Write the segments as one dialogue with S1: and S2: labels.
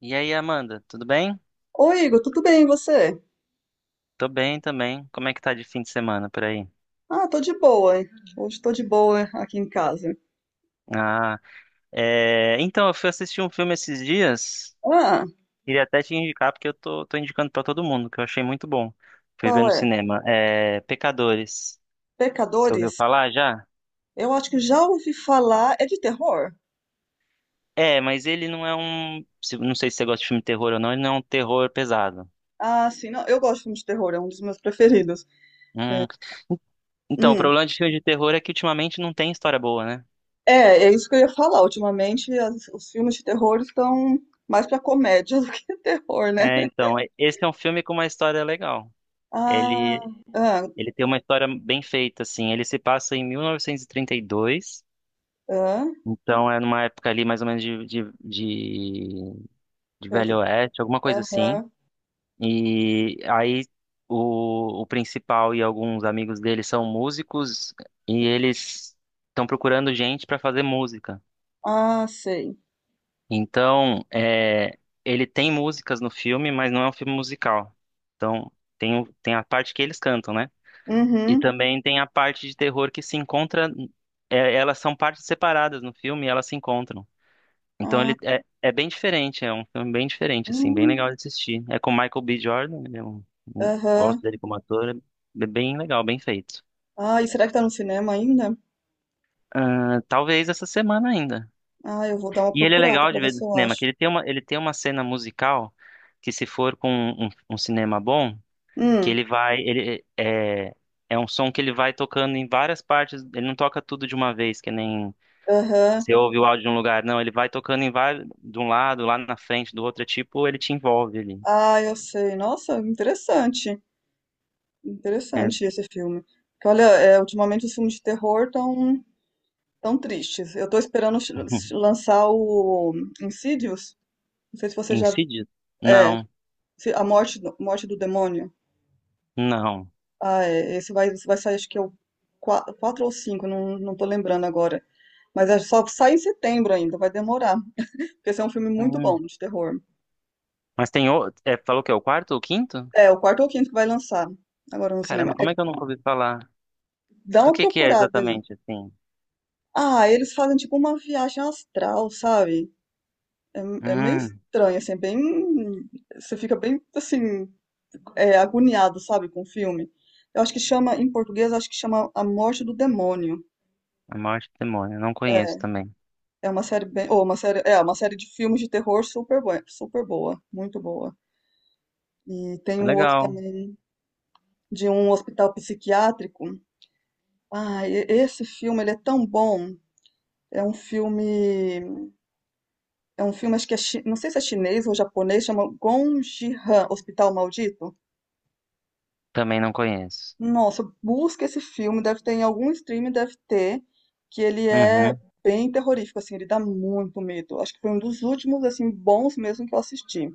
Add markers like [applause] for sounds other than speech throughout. S1: E aí, Amanda, tudo bem?
S2: Oi, Igor, tudo bem, e você?
S1: Tô bem também. Como é que tá de fim de semana por aí?
S2: Ah, tô de boa, hein? Hoje tô de boa aqui em casa.
S1: Ah, Então, eu fui assistir um filme esses dias.
S2: Ah,
S1: Queria até te indicar, porque eu tô indicando pra todo mundo, que eu achei muito bom. Fui ver
S2: qual
S1: no
S2: é?
S1: cinema. Pecadores. Você ouviu
S2: Pecadores?
S1: falar já?
S2: Eu acho que já ouvi falar. É de terror?
S1: É, mas ele não é Não sei se você gosta de filme de terror ou não, ele não é um terror pesado.
S2: Ah, sim, não, eu gosto de filme de terror, é um dos meus preferidos.
S1: Hum. Então, o
S2: Hum,
S1: problema de filme de terror é que ultimamente não tem história boa, né?
S2: é, isso que eu ia falar. Ultimamente, os filmes de terror estão mais pra comédia [laughs] do que terror, né?
S1: É, então, esse é um filme com uma história legal.
S2: Ah,
S1: Ele
S2: ah,
S1: Ele tem uma história bem feita, assim. Ele se passa em 1932,
S2: ah,
S1: então é numa época ali mais ou menos de
S2: perto.
S1: Velho Oeste, alguma coisa assim.
S2: Aham.
S1: E aí o principal e alguns amigos dele são músicos e eles estão procurando gente para fazer música.
S2: Ah, sei.
S1: Então, é, ele tem músicas no filme, mas não é um filme musical. Então, tem a parte que eles cantam, né? E
S2: Uhum.
S1: também tem a parte de terror que se encontra. É, elas são partes separadas no filme e elas se encontram. Então
S2: Ah,
S1: é bem diferente, é um filme bem diferente, assim, bem
S2: hum,
S1: legal de assistir. É com Michael B. Jordan, ele é gosto
S2: aham.
S1: dele como ator, é bem legal, bem feito.
S2: Ah, e será que tá no cinema ainda?
S1: Ah, talvez essa semana ainda.
S2: Ah, eu vou dar uma
S1: E ele é
S2: procurada
S1: legal
S2: pra
S1: de
S2: ver
S1: ver
S2: se
S1: no
S2: eu
S1: cinema, que
S2: acho.
S1: ele tem uma cena musical que se for com um cinema bom, que
S2: Hum,
S1: ele vai, ele é, é um som que ele vai tocando em várias partes, ele não toca tudo de uma vez, que nem.
S2: aham.
S1: Você ouve o áudio de um lugar, não, ele vai tocando em vários, de um lado, lá na frente, do outro, é tipo, ele te envolve ali.
S2: Ah, eu sei. Nossa, interessante.
S1: É,
S2: Interessante esse filme. Porque, olha, é, ultimamente os filmes de terror tão tristes. Eu tô esperando
S1: [laughs]
S2: lançar o Insidious. Não sei se você já...
S1: incidido.
S2: É,
S1: Não,
S2: A Morte, Morte do Demônio.
S1: não.
S2: Ah, é. Esse vai sair, acho que é o quatro ou cinco, não tô lembrando agora. Mas é só sai em setembro ainda, vai demorar. Porque esse é um filme muito bom
S1: Hum.
S2: de terror.
S1: Mas tem outro, é, falou que é o quarto ou o quinto?
S2: É, o quarto ou quinto que vai lançar agora no cinema.
S1: Caramba,
S2: É,
S1: como é que eu nunca ouvi falar?
S2: dá
S1: Do
S2: uma
S1: que é
S2: procurada aí.
S1: exatamente, assim?
S2: Ah, eles fazem tipo uma viagem astral, sabe? É, é meio
S1: Hum,
S2: estranho, assim, é bem. Você fica bem, assim, é, agoniado, sabe, com o filme. Eu acho que chama, em português, acho que chama A Morte do Demônio.
S1: a morte do demônio, não conheço
S2: É,
S1: também.
S2: é uma série bem. Ou uma série. É, uma série de filmes de terror super, super boa. Muito boa. E tem um outro
S1: Legal,
S2: também de um hospital psiquiátrico. Ah, esse filme ele é tão bom. É um filme, é um filme acho que é, não sei se é chinês ou japonês, chama Gong Ji-han, Hospital Maldito.
S1: também não conheço.
S2: Nossa, busca esse filme, deve ter em algum stream, deve ter, que ele é
S1: Uhum.
S2: bem terrorífico, assim, ele dá muito medo. Acho que foi um dos últimos, assim, bons mesmo que eu assisti.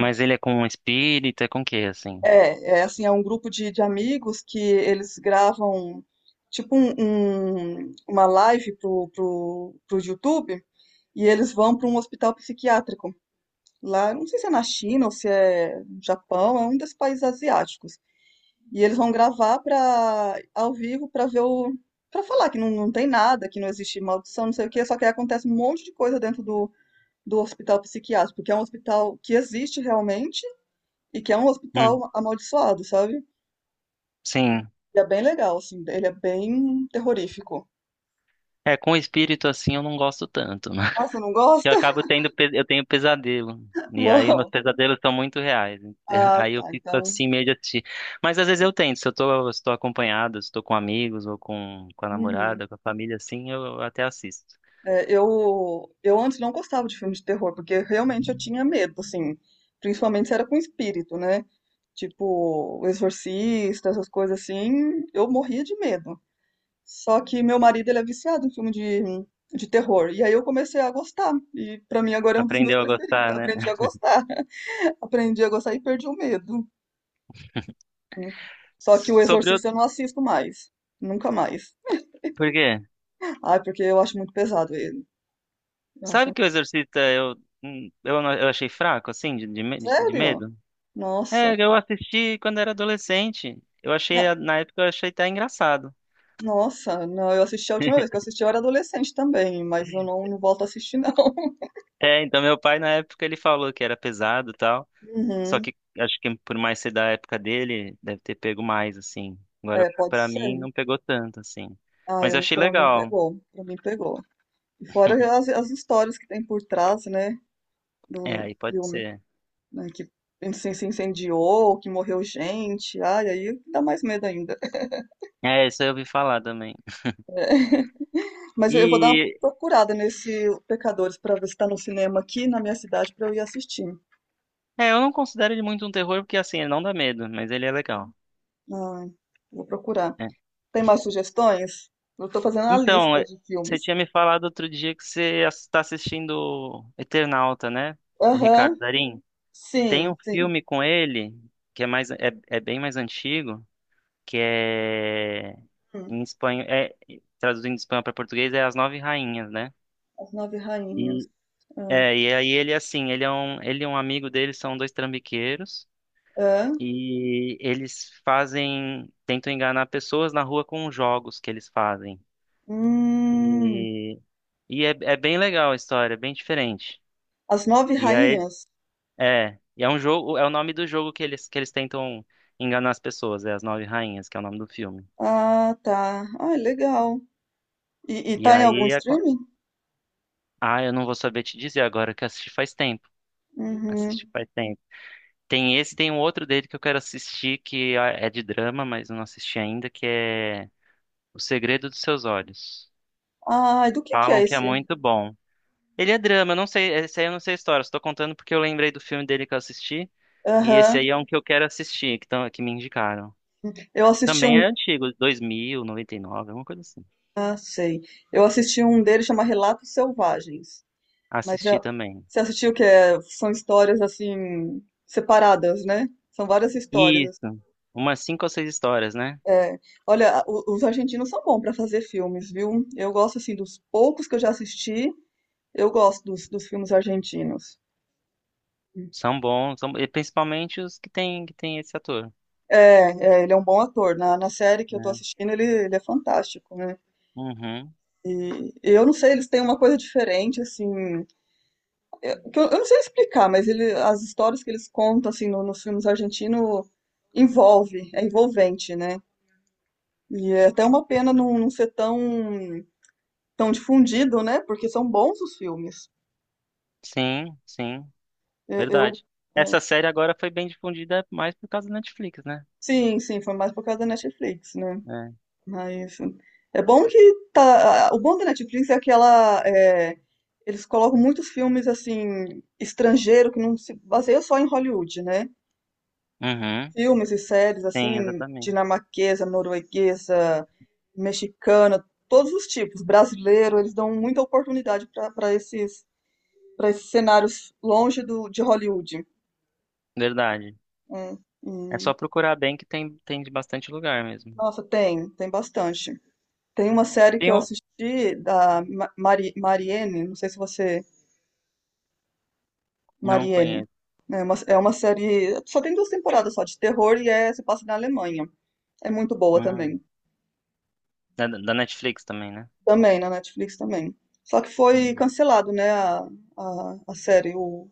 S1: Mas ele é com um espírito, é com o quê, assim?
S2: É, é assim, é um grupo de amigos que eles gravam tipo uma live pro YouTube e eles vão para um hospital psiquiátrico. Lá, não sei se é na China ou se é no Japão, é um desses países asiáticos. E eles vão gravar para ao vivo para ver o para falar que não tem nada, que não existe maldição, não sei o quê, só que aí acontece um monte de coisa dentro do hospital psiquiátrico, porque é um hospital que existe realmente e que é um
S1: Hum,
S2: hospital amaldiçoado, sabe?
S1: sim.
S2: E é bem legal, assim, ele é bem terrorífico.
S1: É, com espírito assim eu não gosto tanto,
S2: Ah, você não
S1: [laughs] que eu
S2: gosta?
S1: acabo eu tenho pesadelo.
S2: [laughs]
S1: E aí meus
S2: Uau!
S1: pesadelos são muito reais. [laughs]
S2: Ah,
S1: Aí eu
S2: tá,
S1: fico
S2: então.
S1: assim meio de assistir. Mas às vezes eu tento, se eu tô, se tô acompanhado, se tô com amigos ou com a
S2: Uhum.
S1: namorada, com a família, assim, eu até assisto.
S2: É, eu antes não gostava de filme de terror, porque realmente eu tinha medo, assim, principalmente se era com espírito, né? Tipo, o exorcista, essas coisas assim, eu morria de medo. Só que meu marido, ele é viciado em filme de terror, e aí eu comecei a gostar, e pra mim agora é um dos meus
S1: Aprendeu a
S2: preferidos,
S1: gostar,
S2: aprendi
S1: né?
S2: a gostar, [laughs] aprendi a gostar e perdi o medo. Né?
S1: [laughs]
S2: Só que o
S1: Sobre o...
S2: exorcista eu não assisto mais, nunca mais.
S1: Por quê?
S2: Ai, porque eu acho muito pesado ele. Eu acho,
S1: Sabe
S2: um,
S1: que o Exorcista eu, eu achei fraco, assim, de
S2: sério?
S1: medo?
S2: Nossa.
S1: É, eu assisti quando era adolescente. Eu achei, na época, eu achei até engraçado.
S2: Nossa, não, eu assisti a última vez que eu assisti eu era adolescente também, mas eu não volto a assistir não. [laughs]
S1: É, então meu pai na época ele falou que era pesado e tal. Só
S2: Uhum.
S1: que acho que por mais ser da época dele, deve ter pego mais, assim. Agora,
S2: É, pode
S1: pra mim,
S2: ser.
S1: não pegou tanto, assim.
S2: Ah,
S1: Mas eu
S2: eu,
S1: achei
S2: pra mim
S1: legal.
S2: pegou, pra mim pegou. E fora as histórias que tem por trás, né,
S1: É,
S2: do
S1: aí pode
S2: filme,
S1: ser.
S2: né, que se incendiou, que morreu gente, ai, aí dá mais medo ainda.
S1: É, isso eu ouvi falar também.
S2: É. [laughs] Mas eu vou dar uma
S1: E,
S2: procurada nesse Pecadores pra ver se tá no cinema aqui na minha cidade pra eu ir assistir.
S1: é, eu não considero ele muito um terror, porque, assim, ele não dá medo, mas ele é legal.
S2: Ah, vou procurar.
S1: É.
S2: Tem mais sugestões? Eu tô fazendo a
S1: Então,
S2: lista
S1: é,
S2: de
S1: você
S2: filmes.
S1: tinha me falado outro dia que você está assistindo Eternauta, né? Com O
S2: Aham,
S1: Ricardo Darín. Tem
S2: sim,
S1: um
S2: sim.
S1: filme com ele, que é mais, é, é bem mais antigo, que é
S2: Hum,
S1: em espanhol, é, traduzindo de espanhol para português, é As Nove Rainhas, né?
S2: As Nove Rainhas.
S1: E,
S2: Ah,
S1: é, e aí ele, assim, ele é um, ele e um amigo dele são dois trambiqueiros
S2: ah,
S1: e eles fazem, tentam enganar pessoas na rua com jogos que eles fazem.
S2: hum,
S1: E, e é, é bem legal a história, é bem diferente.
S2: As Nove
S1: E aí,
S2: Rainhas?
S1: é, e é um jogo, é o nome do jogo que eles tentam enganar as pessoas, é As Nove Rainhas, que é o nome do filme.
S2: Ah, tá. Ah, legal. E
S1: E
S2: tá em algum
S1: aí,
S2: streaming?
S1: ah, eu não vou saber te dizer agora que eu assisti faz tempo. Assisti
S2: Uhum.
S1: faz tempo. Tem esse, tem um outro dele que eu quero assistir que é é de drama, mas eu não assisti ainda, que é O Segredo dos Seus Olhos.
S2: Ah, do que é
S1: Falam que é
S2: esse?
S1: muito bom. Ele é drama, eu não sei, esse aí eu não sei a história, estou contando porque eu lembrei do filme dele que eu assisti, e esse
S2: Aham.
S1: aí é um que eu quero assistir, que, tão, que me indicaram.
S2: Eu assisti
S1: Também
S2: um.
S1: é antigo, dois mil noventa e nove, alguma coisa assim.
S2: Ah, sei. Eu assisti um dele chama Relatos Selvagens. Mas
S1: Assisti
S2: é...
S1: também.
S2: você assistiu que é... são histórias assim separadas, né? São várias histórias.
S1: Isso, umas cinco ou seis histórias, né?
S2: É, olha, os argentinos são bons para fazer filmes, viu? Eu gosto assim dos poucos que eu já assisti, eu gosto dos filmes argentinos.
S1: São bons, são... e principalmente os que tem esse ator,
S2: É, é, ele é um bom ator. Na série que eu tô
S1: né?
S2: assistindo, ele é fantástico, né?
S1: Uhum.
S2: E eu não sei, eles têm uma coisa diferente, assim, que eu não sei explicar, mas ele, as histórias que eles contam, assim, nos filmes argentinos envolve, é envolvente, né? E é até uma pena não, não ser tão, tão difundido, né? Porque são bons os filmes.
S1: Sim, sim,
S2: Eu.
S1: verdade. Essa série agora foi bem difundida mais por causa da Netflix, né?
S2: Sim, sim, foi mais por causa da Netflix, né?
S1: É.
S2: Mas é bom que tá. O bom da Netflix é que ela, é, eles colocam muitos filmes assim estrangeiro que não se baseia só em Hollywood, né?
S1: Uhum.
S2: Filmes e séries
S1: Sim,
S2: assim
S1: exatamente.
S2: dinamarquesa, norueguesa, mexicana, todos os tipos. Brasileiro, eles dão muita oportunidade para esses cenários longe do de Hollywood.
S1: Verdade.
S2: Hum,
S1: É
S2: hum.
S1: só procurar bem que tem, tem de bastante lugar mesmo.
S2: Nossa, tem, tem bastante. Tem uma série que
S1: Tem
S2: eu
S1: um...
S2: assisti da Mari, Mariene, não sei se você.
S1: Não
S2: Mariene.
S1: conheço.
S2: É uma série. Só tem duas temporadas só, de terror e é, se passa na Alemanha. É muito boa
S1: Hum.
S2: também.
S1: Da, da Netflix também, né?
S2: Também, na Netflix também. Só que foi
S1: Uhum.
S2: cancelado, né, a série,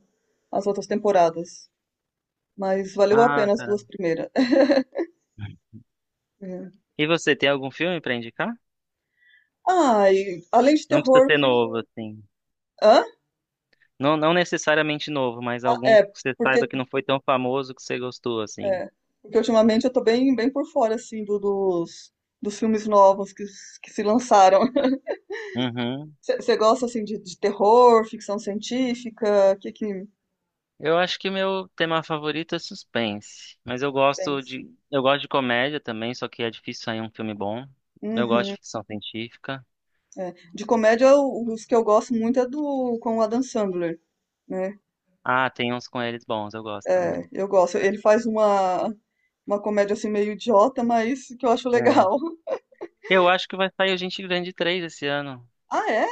S2: as outras temporadas. Mas valeu a
S1: Ah,
S2: pena as
S1: cara.
S2: duas primeiras. [laughs] É.
S1: E você, tem algum filme pra indicar?
S2: Ah, e além de
S1: Não precisa
S2: terror, o
S1: ser
S2: que que.
S1: novo, assim.
S2: Hã?
S1: Não, não necessariamente novo, mas
S2: Ah,
S1: algum que
S2: é,
S1: você
S2: porque
S1: saiba que não foi tão famoso que você gostou, assim.
S2: é, porque ultimamente eu tô bem, bem por fora, assim, dos, dos filmes novos que, que se lançaram. [laughs]
S1: Uhum.
S2: Você gosta, assim, de terror, ficção científica? O que que
S1: Eu acho que meu tema favorito é suspense, mas
S2: pensa?
S1: eu gosto de comédia também, só que é difícil sair um filme bom. Eu gosto
S2: Uhum,
S1: de ficção científica.
S2: é. De comédia, os que eu gosto muito é do com o Adam Sandler, né?
S1: Ah, tem uns com eles bons, eu gosto também.
S2: É, eu gosto. Ele faz uma comédia, assim, meio idiota, mas que eu acho
S1: É.
S2: legal. [laughs]
S1: Eu acho que vai sair o Gente Grande 3 esse ano.
S2: Ah, é?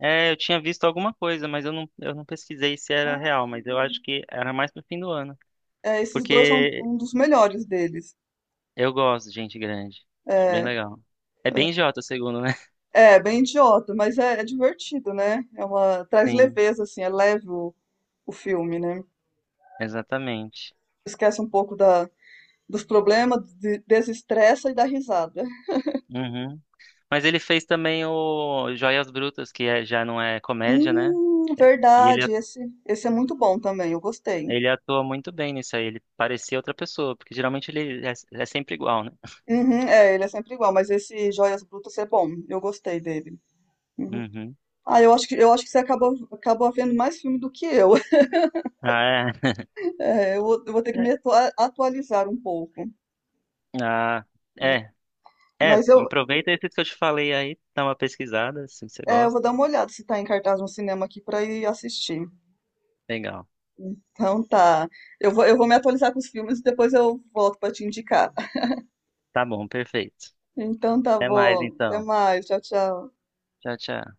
S1: É, eu tinha visto alguma coisa, mas eu não pesquisei se era real,
S2: Ah,
S1: mas eu acho que era mais pro fim do ano,
S2: é, esses dois são
S1: porque
S2: um dos melhores deles.
S1: eu gosto de Gente Grande. Acho bem
S2: É.
S1: legal. É bem idiota, segundo, né? [laughs]
S2: É, bem idiota, mas é, é divertido, né? É uma, traz
S1: Sim,
S2: leveza, assim, é leve o filme, né?
S1: exatamente.
S2: Esquece um pouco dos problemas, desestressa e dá risada.
S1: Uhum. Mas ele fez também o Joias Brutas, que já não é comédia, né? E ele,
S2: Verdade, esse, esse é muito bom também, eu gostei.
S1: ele atua muito bem nisso aí. Ele parecia outra pessoa, porque geralmente é sempre igual, né?
S2: Uhum, é, ele é sempre igual, mas esse Joias Brutas é bom, eu gostei dele. Uhum.
S1: Uhum.
S2: Ah, eu acho que você acabou, acabou vendo mais filme do que eu. [laughs]
S1: Ah,
S2: É, eu vou ter que
S1: é. É.
S2: me atualizar um pouco.
S1: Ah, é. É,
S2: Mas eu,
S1: aproveita esses que eu te falei aí, dá uma pesquisada, se você
S2: é, eu vou
S1: gosta.
S2: dar uma olhada se tá em cartaz no cinema aqui pra ir assistir.
S1: Legal.
S2: Então tá. Eu vou me atualizar com os filmes e depois eu volto pra te indicar.
S1: Tá bom, perfeito.
S2: Então tá
S1: Até mais
S2: bom. Até
S1: então.
S2: mais. Tchau, tchau.
S1: Tchau, tchau.